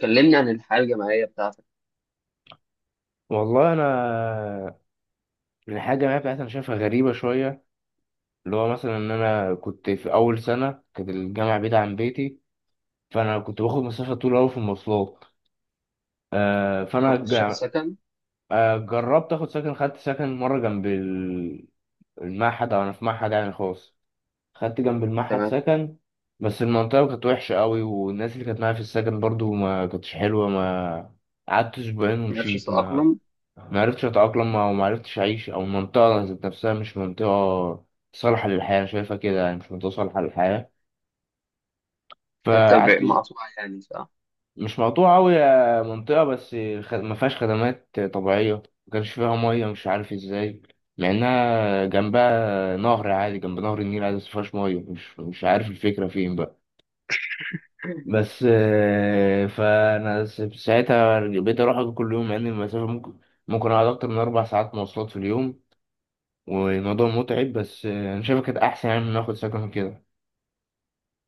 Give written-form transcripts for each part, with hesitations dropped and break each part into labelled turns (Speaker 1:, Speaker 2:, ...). Speaker 1: كلمني عن الحياة الجامعية بتاعتك.
Speaker 2: والله الحاجه الجامعيه بتاعتي انا شايفها غريبه شويه. اللي هو مثلا ان انا كنت في اول سنه كانت الجامعه بعيده عن بيتي، فانا كنت باخد مسافه طويله قوي في المواصلات. آه
Speaker 1: أنت
Speaker 2: فانا
Speaker 1: كنت شايف
Speaker 2: جا-
Speaker 1: سكن؟
Speaker 2: آه جربت اخد سكن، خدت سكن مره جنب المعهد، او انا في معهد يعني خاص، خدت جنب المعهد
Speaker 1: تمام.
Speaker 2: سكن. بس المنطقة كانت وحشة قوي، والناس اللي كانت معايا في السكن برضو ما كانتش حلوة. ما قعدت أسبوعين
Speaker 1: معرفش
Speaker 2: ومشيت. ما
Speaker 1: تتأقلم.
Speaker 2: ما عرفتش أتأقلم، أو وما عرفتش أعيش، أو المنطقة ذات نفسها مش منطقة صالحة للحياة، أنا شايفها كده يعني مش منطقة صالحة للحياة.
Speaker 1: حتة
Speaker 2: فقعدت
Speaker 1: مقطوعة يعني، صح؟
Speaker 2: مش مقطوعة أوي يا منطقة، بس ما فيهاش خدمات طبيعية، ما كانش فيها مية مش عارف إزاي، مع إنها جنبها نهر عادي، جنب نهر النيل عادي، بس ما فيهاش مية، مش عارف الفكرة فين بقى. بس ساعتها بقيت اروح أجي كل يوم، مع ان المسافه ممكن اقعد اكتر من 4 ساعات مواصلات في اليوم، والموضوع متعب، بس انا شايفها كانت احسن يعني من ناخد سكن كده.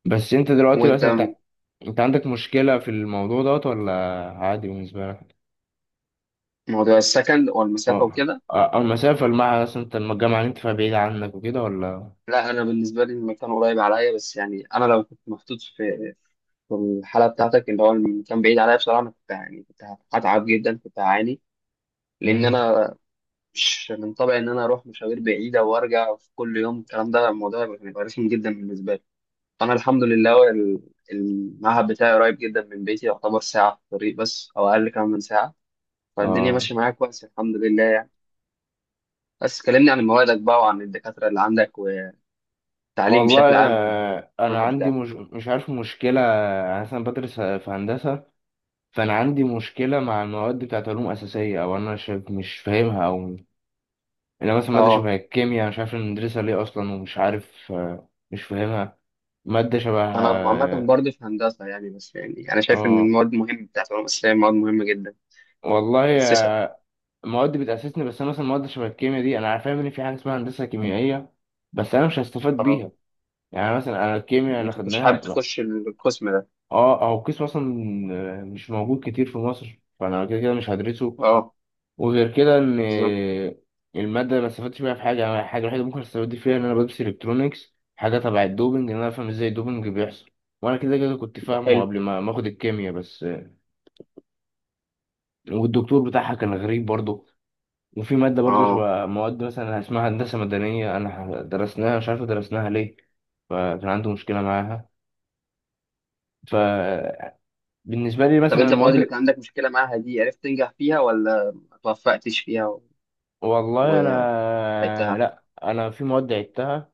Speaker 2: بس انت دلوقتي
Speaker 1: وأنت
Speaker 2: مثلا انت
Speaker 1: م-
Speaker 2: انت عندك مشكله في الموضوع دوت ولا عادي بالنسبه لك؟
Speaker 1: موضوع السكن والمسافة
Speaker 2: اه.
Speaker 1: وكده.
Speaker 2: المسافه مثلا انت الجامعه اللي انت فيها بعيده عنك وكده ولا؟
Speaker 1: لا، أنا بالنسبة لي المكان قريب عليا، بس يعني أنا لو كنت محطوط في الحالة بتاعتك اللي هو المكان بعيد عليا، بصراحة أنا كنت يعني كنت هتعب جدا، كنت هعاني، لأن
Speaker 2: امم.
Speaker 1: أنا مش من طبعي إن أنا أروح مشاوير بعيدة وأرجع في كل يوم. الكلام ده الموضوع هيبقى رخم جدا بالنسبة لي. انا الحمد لله، هو المعهد بتاعي قريب جدا من بيتي، يعتبر ساعه في الطريق بس او اقل كمان من ساعه. فالدنيا
Speaker 2: اه.
Speaker 1: ماشيه معايا كويس الحمد لله، يعني. بس كلمني عن موادك بقى، وعن الدكاتره اللي عندك، والتعليم
Speaker 2: والله.
Speaker 1: بشكل عام في
Speaker 2: انا
Speaker 1: المعهد
Speaker 2: عندي
Speaker 1: بتاعك.
Speaker 2: مش عارف مشكله. انا مثلا بدرس في هندسه، فانا عندي مشكله مع المواد بتاعت علوم اساسيه، او انا شايف مش فاهمها، او انا مثلا ماده
Speaker 1: اه،
Speaker 2: شبه الكيمياء أنا مش عارف إن ندرسها ليه اصلا، ومش عارف مش فاهمها. ماده شبه.
Speaker 1: انا عامه
Speaker 2: اه.
Speaker 1: برضه في هندسه يعني، بس يعني انا شايف ان
Speaker 2: آه،
Speaker 1: المواد مهمه بتاعت العلوم الاسلاميه، مواد مهمه جدا.
Speaker 2: والله.
Speaker 1: اسسك.
Speaker 2: مواد بتاسسني، بس انا مثلا مواد شبه الكيمياء دي انا فاهم ان في حاجه اسمها هندسه كيميائيه، بس انا مش هستفاد
Speaker 1: اه.
Speaker 2: بيها. يعني مثلا انا الكيمياء اللي
Speaker 1: انت كنتش حابب
Speaker 2: خدناها، لا،
Speaker 1: تخش القسم ده؟
Speaker 2: اه، او قسم اصلا مش موجود كتير في مصر، فانا كده كده مش هدرسه.
Speaker 1: اه.
Speaker 2: وغير كده ان
Speaker 1: بالظبط.
Speaker 2: الماده ما استفدتش بيها في حاجه. أنا الحاجه الوحيده ممكن استفاد فيها ان انا بدرس الكترونكس، حاجه تبع الدوبنج، ان انا افهم ازاي الدوبنج بيحصل، وانا كده كده كنت فاهمه
Speaker 1: حلو.
Speaker 2: قبل ما اخد الكيمياء بس. والدكتور بتاعها كان غريب برضه. وفي ماده برضه
Speaker 1: اه.
Speaker 2: شبه مواد مثلا اسمها هندسه مدنيه، انا درسناها مش عارف درسناها ليه، فكان عنده مشكله معاها. فبالنسبه لي
Speaker 1: طب
Speaker 2: مثلا
Speaker 1: انت المواد اللي
Speaker 2: المواد.
Speaker 1: كان عندك مشكله معاها دي، عرفت تنجح فيها ولا ما توفقتش فيها؟
Speaker 2: والله انا.
Speaker 1: عدتها.
Speaker 2: لا، انا في مواد عدتها.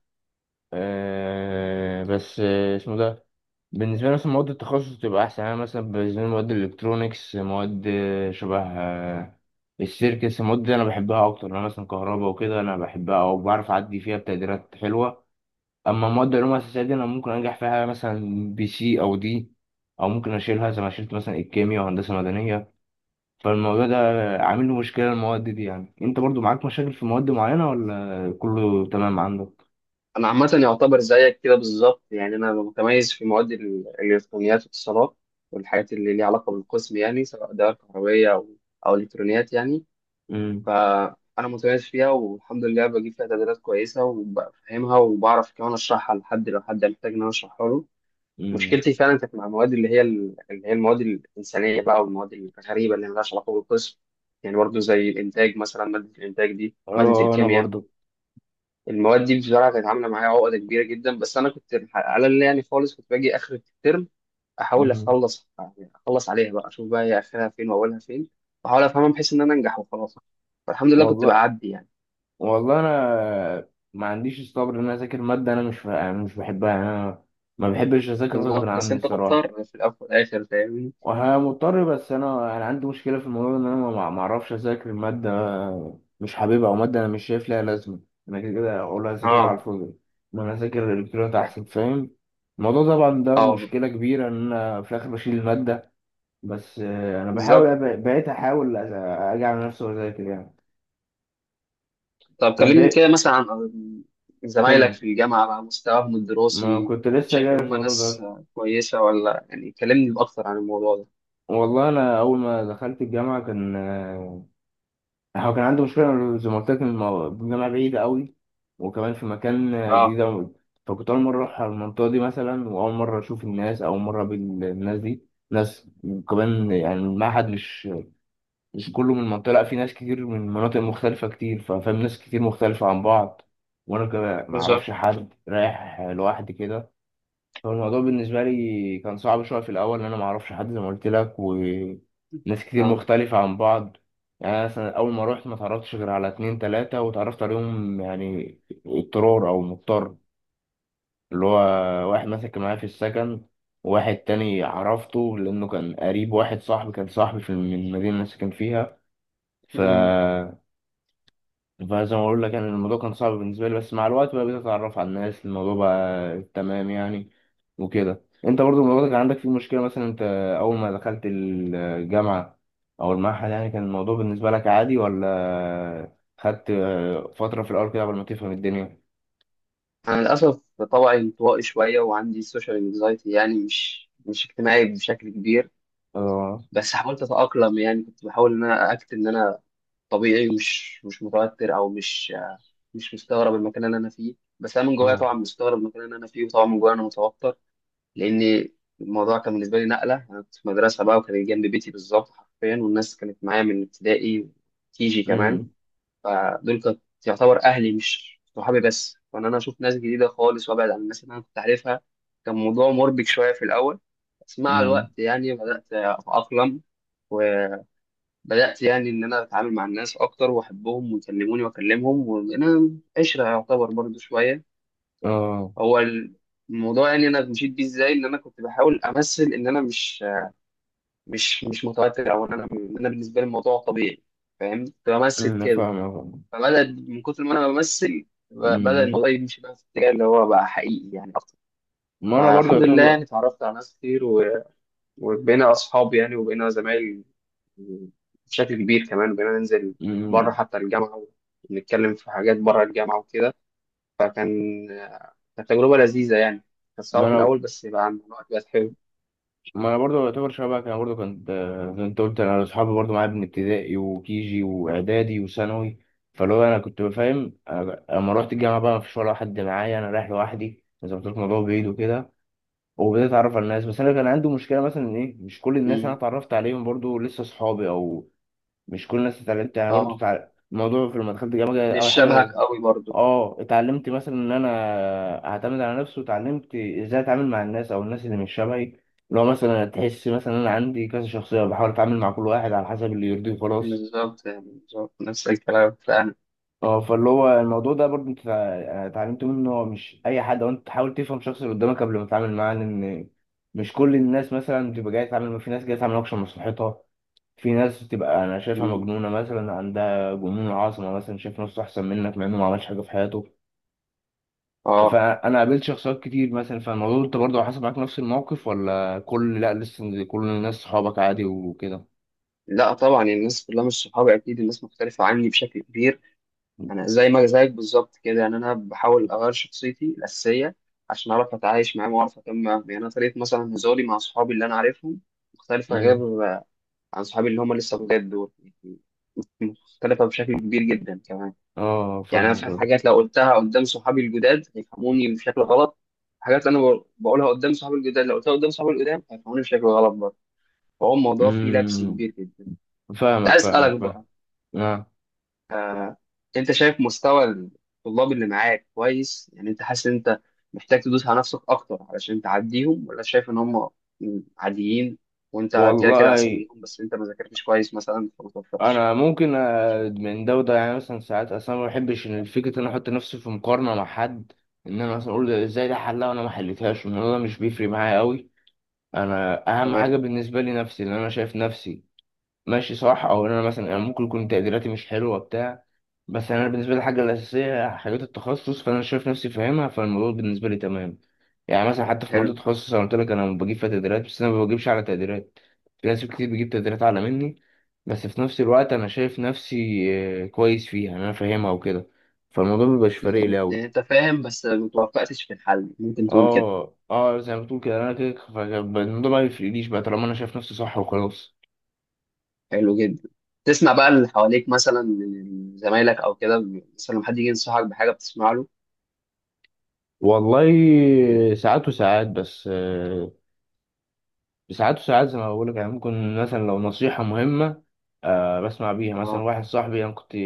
Speaker 2: أه، بس اسمه ده. بالنسبة لي مثلا مواد التخصص تبقى أحسن. أنا مثلا بالنسبة لي مواد الإلكترونيكس، مواد شبه السيركس، المواد دي أنا بحبها أكتر. أنا مثلا كهرباء وكده أنا بحبها، أو بعرف أعدي فيها بتقديرات حلوة. أما مواد العلوم الأساسية دي أنا ممكن أنجح فيها مثلا B، C أو D، أو ممكن أشيلها زي ما شلت مثلا الكيمياء وهندسة مدنية. فالموضوع ده عامل لي مشكلة، المواد دي يعني. أنت برضو معاك مشاكل في مواد معينة ولا كله تمام عندك؟
Speaker 1: انا عامه يعتبر زيك كده بالظبط، يعني انا متميز في مواد الالكترونيات والاتصالات، والحاجات اللي ليها علاقه بالقسم، يعني سواء دوائر كهربيه او الكترونيات يعني.
Speaker 2: امم.
Speaker 1: فانا متميز فيها والحمد لله، بجيب فيها تقديرات كويسه وبفهمها، وبعرف كمان اشرحها لحد لو حد محتاج ان انا اشرحها له.
Speaker 2: امم.
Speaker 1: مشكلتي فعلا كانت مع المواد اللي هي المواد الانسانيه بقى، والمواد الغريبه اللي مالهاش علاقه بالقسم، يعني برضه زي الانتاج مثلا. ماده الانتاج دي، ماده
Speaker 2: اه. انا
Speaker 1: الكيمياء،
Speaker 2: برضو.
Speaker 1: المواد دي بصراحه كانت عامله معايا عقده كبيره جدا. بس انا كنت على اللي يعني خالص، كنت باجي اخر الترم احاول
Speaker 2: امم.
Speaker 1: اخلص، يعني اخلص عليها بقى، اشوف بقى هي اخرها فين واولها فين، واحاول افهمها بحيث ان انا انجح وخلاص. فالحمد لله كنت
Speaker 2: والله.
Speaker 1: بعدي يعني.
Speaker 2: والله انا ما عنديش الصبر ان انا اذاكر ماده، انا مش بحبها، يعني انا ما بحبش اذاكر غصب
Speaker 1: بالظبط، بس
Speaker 2: عني
Speaker 1: انت
Speaker 2: الصراحه.
Speaker 1: مضطر في الاول والاخر، فاهمني.
Speaker 2: وها مضطر، بس انا عندي مشكله في الموضوع ده، ان انا ما اعرفش اذاكر ماده مش حاببها، او ماده انا مش شايف لها لازمه. انا كده كده اقول اذاكرها على
Speaker 1: اه.
Speaker 2: الفاضي، ما انا اذاكر الالكترونيات احسن، فاهم الموضوع طبعا. ده
Speaker 1: اه.
Speaker 2: مشكله كبيره ان انا في الاخر بشيل الماده، بس انا
Speaker 1: بالظبط.
Speaker 2: بقيت احاول اجي على نفسي واذاكر يعني.
Speaker 1: طب
Speaker 2: طب
Speaker 1: كلمني
Speaker 2: إيه؟
Speaker 1: كده مثلا عن زمايلك
Speaker 2: كمل.
Speaker 1: في الجامعه بقى، مستواهم
Speaker 2: ما
Speaker 1: الدراسي.
Speaker 2: كنت لسه
Speaker 1: شايف
Speaker 2: جاي
Speaker 1: ان
Speaker 2: في
Speaker 1: هم
Speaker 2: الموضوع
Speaker 1: ناس
Speaker 2: ده.
Speaker 1: كويسه ولا؟ يعني كلمني اكتر عن الموضوع ده.
Speaker 2: والله انا اول ما دخلت الجامعه كان. هو كان عندي مشكله زي ما قلت لك إن الجامعه بعيده قوي، وكمان في مكان جديد
Speaker 1: اه.
Speaker 2: أوي. فكنت اول مره اروح على المنطقه دي مثلا، واول مره اشوف الناس، اول مره اقابل الناس دي، ناس. وكمان يعني المعهد مش كله من المنطقه، لا في ناس كتير من مناطق مختلفه كتير، ففاهم ناس كتير مختلفه عن بعض. وانا كمان ما اعرفش
Speaker 1: بالظبط.
Speaker 2: حد، رايح لوحدي كده. هو الموضوع بالنسبة لي كان صعب شوية في الأول، لأن أنا معرفش حد زي ما قلت لك، وناس كتير
Speaker 1: اه.
Speaker 2: مختلفة عن بعض. يعني أنا مثلا أول ما روحت ما اتعرفتش غير على اتنين تلاتة، واتعرفت عليهم يعني اضطرار، أو مضطر، اللي هو واحد مسك معايا في السكن، وواحد تاني عرفته لأنه كان قريب، واحد صاحبي كان صاحبي في من المدينة اللي أنا ساكن فيها. ف فزي ما بقول لك يعني الموضوع كان صعب بالنسبة لي، بس مع الوقت بقى بقيت أتعرف على الناس، الموضوع بقى تمام يعني. وكده أنت برضو الموضوع ده كان عندك فيه مشكلة، مثلا أنت أول ما دخلت الجامعة أو المعهد يعني، كان الموضوع بالنسبة لك عادي ولا خدت فترة في الأول كده قبل ما تفهم الدنيا؟
Speaker 1: أنا للأسف طبعي انطوائي شوية وعندي سوشيال انكزايتي، يعني مش اجتماعي بشكل كبير.
Speaker 2: اه.
Speaker 1: بس حاولت أتأقلم، يعني كنت بحاول إن أنا طبيعي مش متوتر، أو مش مستغرب المكان اللي أنا فيه. بس أنا من جوايا
Speaker 2: اه.
Speaker 1: طبعا مستغرب المكان اللي أنا فيه، وطبعا من جوايا أنا متوتر. لأن الموضوع كان بالنسبة لي نقلة، أنا كنت في مدرسة بقى، وكانت جنب بيتي بالظبط حرفيا، والناس كانت معايا من ابتدائي وكيجي كمان.
Speaker 2: امم.
Speaker 1: فدول كانت يعتبر اهلي مش صحابي بس، وان انا اشوف ناس جديده خالص وابعد عن الناس اللي انا كنت عارفها، كان موضوع مربك شويه في الاول. بس مع الوقت
Speaker 2: امم.
Speaker 1: يعني بدات اتاقلم، وبدات يعني ان انا اتعامل مع الناس اكتر واحبهم ويكلموني واكلمهم، وانا عشره يعتبر برضو شويه.
Speaker 2: اه.
Speaker 1: هو الموضوع يعني انا مشيت بيه ازاي، ان انا كنت بحاول امثل ان انا مش متوتر، او ان انا إن انا بالنسبه لي الموضوع طبيعي، فاهم. كنت بمثل
Speaker 2: امم.
Speaker 1: كده.
Speaker 2: فاهم. فاهم.
Speaker 1: فبدأ من كتر ما انا بمثل، بدأ
Speaker 2: امم.
Speaker 1: الموضوع يمشي بقى في الاتجاه اللي هو بقى حقيقي يعني اكتر.
Speaker 2: ما انا برضه
Speaker 1: فالحمد لله يعني
Speaker 2: يعتبر.
Speaker 1: اتعرفت على ناس كتير، و- وبقينا اصحاب يعني، وبقينا زمايل بشكل كبير كمان، وبقينا ننزل بره
Speaker 2: امم.
Speaker 1: حتى الجامعة، ونتكلم في حاجات بره الجامعة وكده. فكان كانت تجربة لذيذة يعني، كانت
Speaker 2: ما
Speaker 1: صعبة في
Speaker 2: انا
Speaker 1: الأول بس بقى الموضوع بقت حلو.
Speaker 2: ما انا برضو يعتبر شبهك، انا برضو كنت زي ما انت قلت، انا اصحابي برضو معايا من ابتدائي وكيجي واعدادي وثانوي، فلو انا كنت بفهم. أنا لما رحت الجامعه بقى ما فيش ولا واحد معايا، انا رايح لوحدي زي ما قلت لك، الموضوع بعيد وكده، وبدأت اتعرف على الناس. بس انا كان عندي مشكله مثلا إن ايه، مش كل الناس انا
Speaker 1: أمم.
Speaker 2: اتعرفت عليهم برضو لسه اصحابي، او مش كل الناس اتعلمت يعني برضو
Speaker 1: اه.
Speaker 2: الموضوع في لما دخلت الجامعه
Speaker 1: مش
Speaker 2: اول
Speaker 1: شبهك
Speaker 2: حاجه.
Speaker 1: قوي برضو.
Speaker 2: اه، اتعلمت مثلا ان انا اعتمد على نفسي، واتعلمت ازاي اتعامل مع الناس، او الناس اللي مش شبهي. لو مثلا تحس مثلا ان انا عندي كذا شخصيه، بحاول اتعامل مع كل واحد على حسب اللي يرضيه وخلاص.
Speaker 1: بالظبط، يعني بالظبط نفس الكلام فعلا.
Speaker 2: اه، فاللي هو الموضوع ده برضه اتعلمت منه ان هو مش اي حد، وانت تحاول تفهم الشخص اللي قدامك قبل ما تتعامل معاه، لان مش كل الناس مثلا بتبقى جايه تتعامل، في ناس جايه تعمل اكشن مصلحتها، في ناس بتبقى انا شايفها
Speaker 1: أمم.
Speaker 2: مجنونه مثلا، عندها جنون عظمه مثلا، شايف نفسه احسن منك مع انه ما عملش حاجه في حياته.
Speaker 1: اه.
Speaker 2: فانا قابلت شخصيات كتير مثلا. فالموضوع انت برضه حصل معاك نفس الموقف ولا كل، لا، لسه كل الناس صحابك عادي وكده؟
Speaker 1: لا طبعا، يعني الناس كلها مش صحابي، اكيد الناس مختلفه عني بشكل كبير. انا زي ما زيك بالظبط كده، يعني انا بحاول اغير شخصيتي الاساسيه عشان اعرف اتعايش معاهم واعرف اكمل معاهم. يعني انا طريقه مثلا هزاري مع صحابي اللي انا عارفهم مختلفه،
Speaker 2: امم.
Speaker 1: غير عن صحابي اللي هم لسه بجد دول، يعني مختلفه بشكل كبير جدا كمان.
Speaker 2: اه.
Speaker 1: يعني انا
Speaker 2: فاهمك.
Speaker 1: في حاجات لو قلتها قدام صحابي الجداد هيفهموني بشكل غلط، حاجات انا بقولها قدام صحابي الجداد، لو قلتها قدام صحابي القدام هيفهموني بشكل غلط برضه. فهو الموضوع فيه لبس
Speaker 2: امم.
Speaker 1: كبير جدا. كنت
Speaker 2: فاهمك،
Speaker 1: عايز
Speaker 2: فاهمك،
Speaker 1: اسالك بقى،
Speaker 2: فاهم. آه.
Speaker 1: آه، انت شايف مستوى الطلاب اللي معاك كويس؟ يعني انت حاسس ان انت محتاج تدوس على نفسك اكتر علشان تعديهم، ولا شايف ان هم عاديين وانت كده كده احسن
Speaker 2: والله
Speaker 1: منهم، بس انت ما ذاكرتش كويس مثلا فما توفقتش؟
Speaker 2: انا ممكن من ده وده، يعني مثلا ساعات اصلا ما بحبش ان فكره ان انا احط نفسي في مقارنه مع حد، ان انا مثلا اقول ده ازاي ده حلها وانا ما حلتهاش. الموضوع ده مش بيفرق معايا قوي. انا اهم حاجه
Speaker 1: تمام.
Speaker 2: بالنسبه لي نفسي، ان انا شايف نفسي ماشي صح، او ان انا ممكن يكون تقديراتي مش حلوه بتاع، بس انا بالنسبه لي الحاجه الاساسيه هي حاجات التخصص، فانا شايف نفسي فاهمها، فالموضوع بالنسبه لي تمام. يعني مثلا حتى في مواد
Speaker 1: حلو.
Speaker 2: التخصص انا قلت لك انا بجيب فيها تقديرات، بس انا ما بجيبش على تقديرات، في ناس كتير بتجيب تقديرات اعلى مني، بس في نفس الوقت انا شايف نفسي كويس فيها، انا فاهمها وكده، فالموضوع مبيبقاش فارق لي
Speaker 1: بالظبط،
Speaker 2: قوي.
Speaker 1: يعني انت فاهم بس ما توفقتش في الحل، ممكن تقول كده.
Speaker 2: اه، اه، زي ما بتقول كده، انا كده فالموضوع ما يفرقليش بقى طالما انا شايف نفسي صح وخلاص.
Speaker 1: حلو جدا. تسمع بقى اللي حواليك مثلا من زمايلك او كده؟ مثلا لما حد يجي ينصحك بحاجه بتسمع له؟
Speaker 2: والله ساعات وساعات، بس ساعات وساعات زي ما بقول لك، يعني ممكن مثلا لو نصيحة مهمة بسمع بيها، مثلا
Speaker 1: اه.
Speaker 2: واحد صاحبي. انا كنت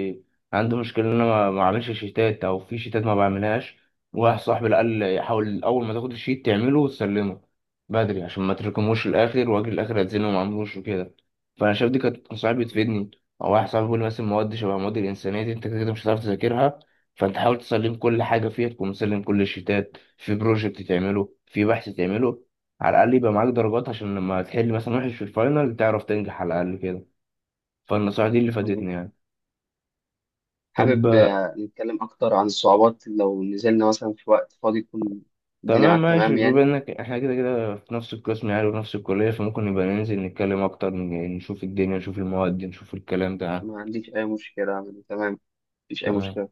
Speaker 2: عندي مشكلة ان انا ما اعملش شيتات، او في شيتات ما بعملهاش، واحد صاحبي اللي قال لي حاول اول ما تاخد الشيت تعمله وتسلمه بدري، عشان ما تركموش الاخر، واجي الاخر اتزنق وما اعملوش وكده، فانا شايف دي كانت نصايح
Speaker 1: تمام.
Speaker 2: بتفيدني. او واحد صاحبي بيقول لي مثلا مواد شبه مواد الانسانية دي انت كده كده مش هتعرف تذاكرها، فانت حاول تسلم كل حاجة فيها، تكون مسلم كل الشيتات، في بروجكت تعمله، في بحث تعمله، على الأقل يبقى معاك درجات، عشان لما تحل مثلا وحش في الفاينل تعرف تنجح على الأقل كده، فالنصائح دي اللي
Speaker 1: مظبوط.
Speaker 2: فادتني يعني. طب
Speaker 1: حابب نتكلم أكتر عن الصعوبات لو نزلنا مثلا في وقت فاضي يكون الدنيا
Speaker 2: تمام
Speaker 1: معاك
Speaker 2: ماشي.
Speaker 1: تمام
Speaker 2: بما
Speaker 1: يعني.
Speaker 2: إنك إحنا كده كده في نفس القسم يعني، وفي نفس الكلية، فممكن نبقى ننزل نتكلم أكتر، نشوف الدنيا نشوف المواد نشوف الكلام ده.
Speaker 1: ما عنديش أي مشكلة يعني، تمام، مفيش أي
Speaker 2: تمام.
Speaker 1: مشكلة.